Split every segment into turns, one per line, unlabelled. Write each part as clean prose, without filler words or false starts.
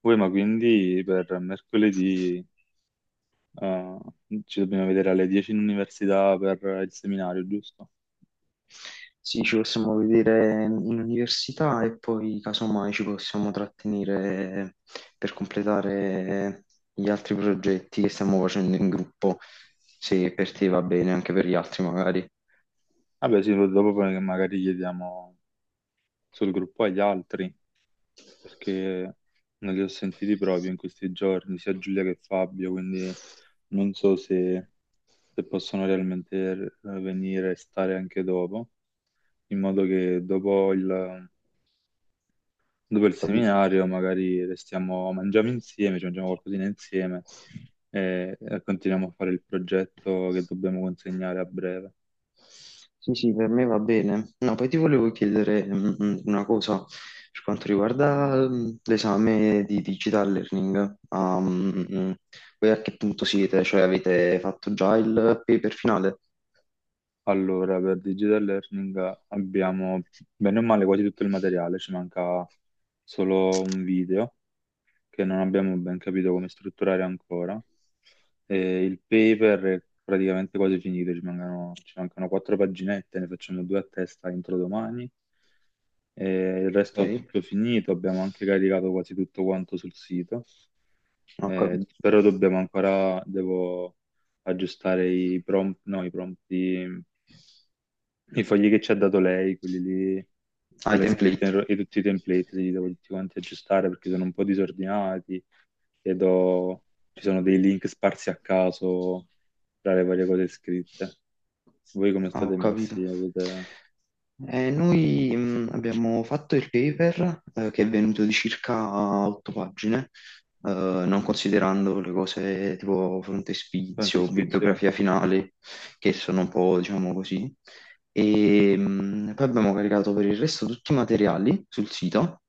Poi, ma quindi per mercoledì eh, ci dobbiamo vedere alle 10 in università per il seminario, giusto?
Sì, ci possiamo vedere in università e poi casomai ci possiamo trattenere per completare gli altri progetti che stiamo facendo in gruppo, se per te va bene, anche per gli altri magari.
Vabbè, sì, dopo poi magari chiediamo sul gruppo agli altri, perché non li ho sentiti proprio in questi giorni, sia Giulia che Fabio, quindi non so se, se possono realmente venire e stare anche dopo, in modo che dopo il
Ho capito.
seminario magari restiamo, mangiamo insieme, ci mangiamo qualcosina insieme e continuiamo a fare il progetto che dobbiamo consegnare a breve.
Sì, sì, per me va bene. No, poi ti volevo chiedere una cosa per quanto riguarda l'esame di digital learning. Voi a che punto siete? Cioè avete fatto già il paper finale?
Allora, per Digital Learning abbiamo bene o male quasi tutto il materiale, ci manca solo un video che non abbiamo ben capito come strutturare ancora. E il paper è praticamente quasi finito, ci mancano 4 paginette, ne facciamo 2 a testa entro domani. E il
Ok,
resto è tutto finito, abbiamo anche caricato quasi tutto quanto sul sito.
ho capito.
Però dobbiamo ancora, devo aggiustare i prompt, no, i fogli che ci ha dato lei, quelli lì
Ah,
con
i
le scritte in
template.
ro- e tutti i template, li devo tutti quanti aggiustare perché sono un po' disordinati e do- ci sono dei link sparsi a caso tra le varie cose scritte. Voi come
Ah, ho
state
capito.
messi? Avete
Noi abbiamo fatto il paper che è venuto di circa otto pagine non considerando le cose tipo
quante
frontespizio,
ispezioni?
bibliografia finale, che sono un po', diciamo così. E poi abbiamo caricato per il resto tutti i materiali sul sito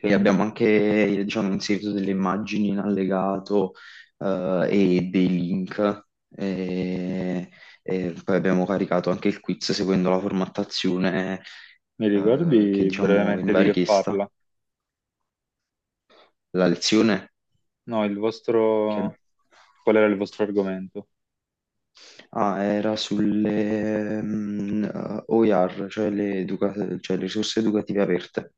e abbiamo anche, diciamo, inserito delle immagini in allegato e dei link. E poi abbiamo caricato anche il quiz seguendo la formattazione
Mi
che,
ricordi
diciamo,
brevemente
veniva
di che
richiesta.
parla?
La lezione.
No, il
Che-
vostro... Qual era il vostro argomento?
Ah, era sulle OER, cioè cioè le risorse educative aperte,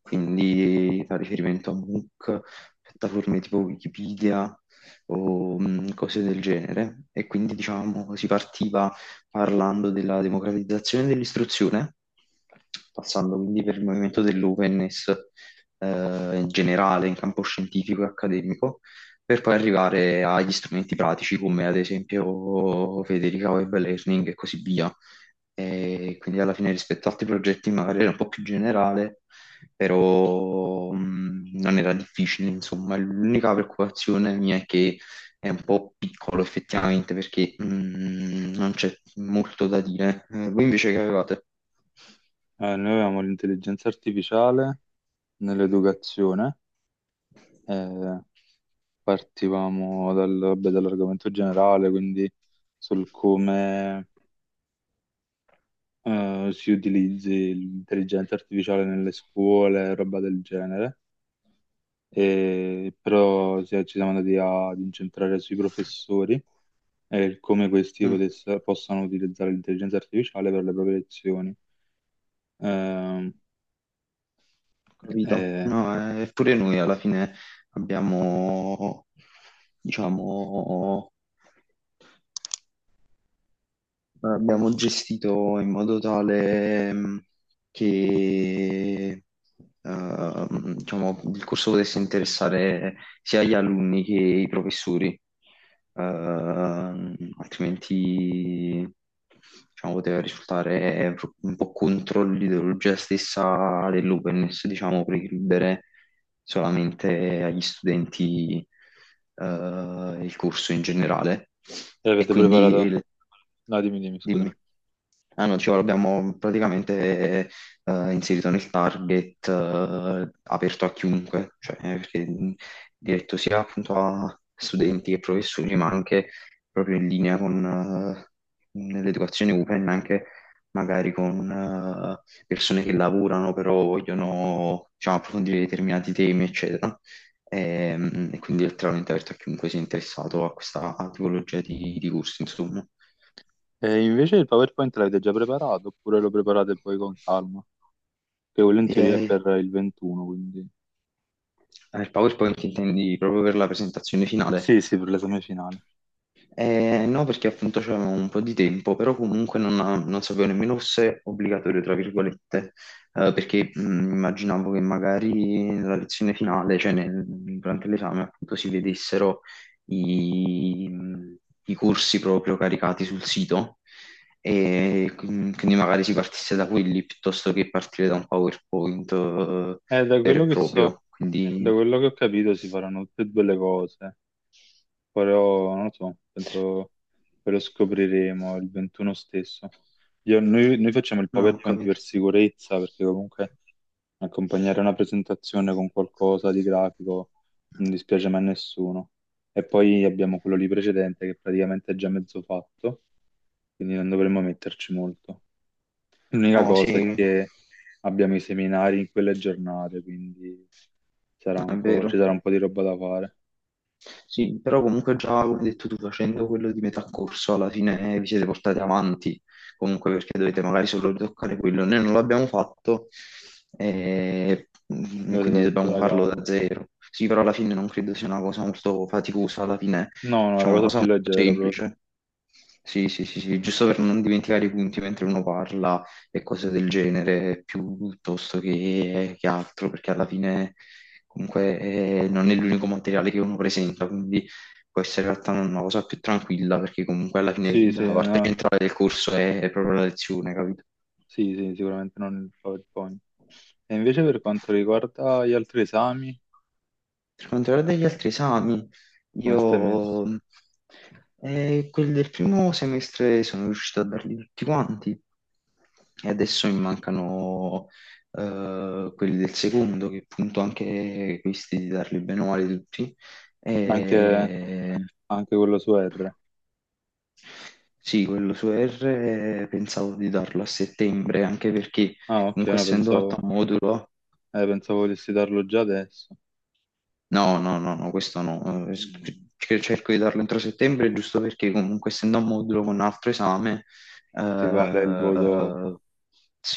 quindi fa riferimento a MOOC, piattaforme tipo Wikipedia o cose del genere. E quindi diciamo si partiva parlando della democratizzazione dell'istruzione, passando quindi per il movimento dell'openness eh, in generale in campo scientifico e accademico per poi arrivare agli strumenti pratici come ad esempio Federica Web Learning e così via. E quindi alla fine rispetto ad altri progetti magari era un po' più generale, però non era difficile, insomma. L'unica preoccupazione mia è che è un po' piccolo effettivamente perché non c'è molto da dire. Voi invece che avevate?
Noi avevamo l'intelligenza artificiale nell'educazione, eh, partivamo dal- vabbè, dall'argomento generale, quindi sul come si utilizzi l'intelligenza artificiale nelle scuole, roba del genere, e, però si- ci siamo andati a- ad incentrare sui professori e come questi
Mm.
potesse- possano utilizzare l'intelligenza artificiale per le proprie lezioni. Ehm,
Capito?
e,
No, pure noi alla fine abbiamo, diciamo, abbiamo gestito in modo tale. Che diciamo, il corso potesse interessare sia gli alunni che i professori, altrimenti diciamo, poteva risultare un po' contro l'ideologia stessa dell'openness, diciamo, precludere solamente agli studenti il corso in generale.
e
E
avete
quindi
preparato?
il-
No, dimmi, dimmi,
Dimmi.
scusami.
Ah no, dicevo, l'abbiamo praticamente inserito nel target, aperto a chiunque, cioè perché diretto sia appunto a studenti che professori, ma anche proprio in linea con l'educazione open, anche magari con persone che lavorano, però vogliono diciamo, approfondire determinati temi, eccetera. E quindi è letteralmente aperto a chiunque sia interessato a questa tipologia di corsi, insomma.
E invece il PowerPoint l'avete già preparato oppure lo preparate poi con calma? Che quello in teoria è
E,
per il 21, quindi...
Ah, il PowerPoint intendi proprio per la presentazione finale?
Sì, sì, per l'esame finale.
No, perché appunto c'avevo un po' di tempo, però comunque non, non sapevo nemmeno se obbligatorio, tra virgolette, perché immaginavo che magari nella lezione finale, durante l'esame, appunto si vedessero i, i corsi proprio caricati sul sito e quindi magari si partisse da quelli piuttosto che partire da un PowerPoint,
Da
vero e
quello che so,
proprio. Quindi...
da quello che ho capito si faranno tutte e due le cose, però non lo so, penso che lo scopriremo il 21 stesso. Noi facciamo il
No, ho
PowerPoint per
capito.
sicurezza, perché comunque accompagnare una presentazione con qualcosa di grafico non dispiace mai a nessuno. E poi abbiamo quello lì precedente che praticamente è già mezzo fatto, quindi non dovremmo metterci molto. L'unica
Oh,
cosa è
sì,
che abbiamo i seminari in quelle giornate, quindi sarà
è
un po', ci
vero.
sarà un po' di roba da fare.
Sì, però comunque già, come hai detto tu, facendo quello di metà corso, alla fine vi siete portati avanti, comunque perché dovete magari solo ritoccare quello. Noi non l'abbiamo fatto
Dovete
quindi
fare tutto
dobbiamo
da
farlo da
capo.
zero. Sì, però alla fine non credo sia una cosa molto faticosa, alla fine
No, no, la
facciamo una
cosa
cosa
più
molto
leggera proprio.
semplice. Sì, sì, sì, sì, giusto per non dimenticare i punti mentre uno parla, e cose del genere piuttosto che altro, perché alla fine comunque non è l'unico materiale che uno presenta, quindi può essere in realtà una cosa più tranquilla, perché comunque alla fine
Sì, sì,
la parte
no.
centrale del corso è proprio la lezione, capito?
Sì, sì, sicuramente non il PowerPoint. E invece per quanto riguarda gli altri esami,
Per quanto riguarda gli altri esami,
come stai
io
messo?
quelli del primo semestre sono riuscito a darli tutti quanti e adesso mi mancano quelli del secondo, che appunto anche questi di darli bene o male tutti.
Anche
E...
anche quello su R.
Sì, quello su R pensavo di darlo a settembre, anche perché
Ah, ok,
comunque
no,
essendo fatto
pensavo,
a modulo.
pensavo volessi darlo già adesso.
No, no, no, no, questo no. Sc- che Cerco di darlo entro settembre, giusto perché comunque essendo un modulo con un altro esame,
Ti vale il voto,
eh,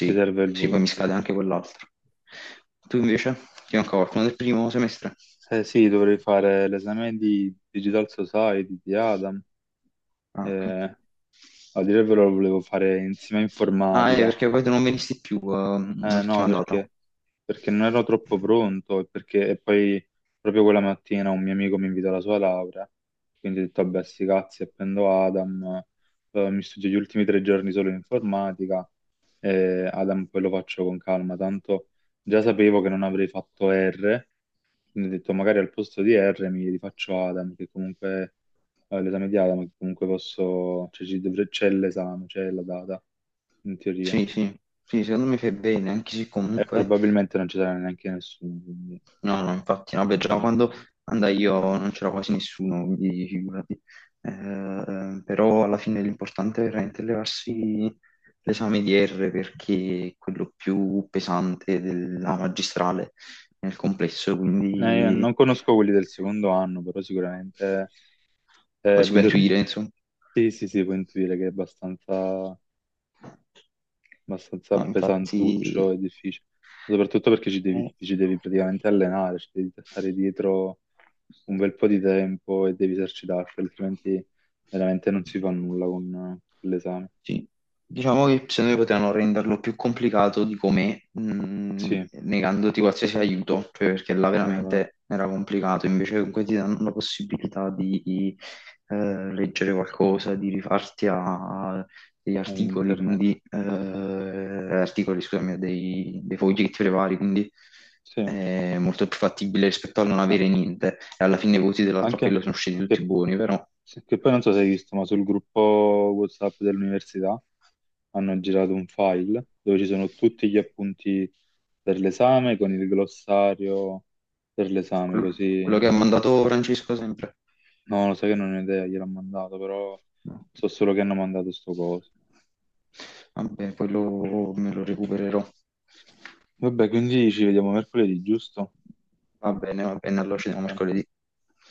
ti serve il
sì, poi
voto,
mi
sì.
scade anche quell'altro. Tu invece? Ti manca qualcuno del primo semestre?
Eh sì, dovrei fare l'esame di Digital Society di Adam.
Ah, ok.
Eh, a dire il vero lo volevo fare insieme a
Ah,
informatica.
perché poi tu non venisti più,
No,
l'ultima data.
perché? Perché non ero troppo pronto e perché e poi proprio quella mattina un mio amico mi invitò alla sua laurea, quindi ho detto, vabbè, sti cazzi, appendo Adam, mi studio gli ultimi 3 giorni solo in informatica, e Adam poi lo faccio con calma, tanto già sapevo che non avrei fatto R, quindi ho detto magari al posto di R mi rifaccio Adam, che comunque, l'esame di Adam, che comunque posso, cioè ci dovre- c'è l'esame, c'è la data, in teoria
Sì, sì, sì, secondo me fai bene, anche se
e
comunque...
probabilmente non ci sarà neanche nessuno. Quindi
No, no, infatti, no, beh, già
vediamo.
quando andai io non c'era quasi nessuno, quindi figurati. Però alla fine l'importante è veramente levarsi l'esame di R perché è quello più pesante della magistrale nel complesso,
Io
quindi
non conosco quelli del secondo anno, però sicuramente
come
è
si può
bello.
intuire, insomma.
Sì, sì, sì, puoi intuire che è abbastanza, abbastanza
No,
pesantuccio
infatti,
e difficile, soprattutto perché ci devi,
eh,
ci devi praticamente allenare, ci devi stare dietro un bel po' di tempo e devi esercitarti, altrimenti veramente non si fa nulla con l'esame.
sì. Diciamo che secondo me potevano renderlo più complicato di com'è,
Sì,
negandoti qualsiasi aiuto, cioè perché là
vero,
veramente era complicato, invece comunque ti danno la possibilità di leggere qualcosa, di rifarti a degli
è
articoli,
internet.
quindi scusami, dei foggetti vari, quindi
Sì.
è molto più fattibile rispetto a non
Ah,
avere niente. E alla fine i voti
anche
dell'appello sono usciti tutti
che,
buoni, però
che poi non so se hai visto, ma sul gruppo WhatsApp dell'università hanno girato un file dove ci sono tutti gli appunti per l'esame con il glossario per l'esame,
quello,
così.
quello che ha mandato Francesco sempre.
No, lo sai che non ho idea, gliel'ho mandato, però
No.
so solo che hanno mandato sto coso.
Vabbè, quello me lo recupererò.
Vabbè, quindi ci vediamo mercoledì, giusto?
Va bene, allora ci vediamo mercoledì.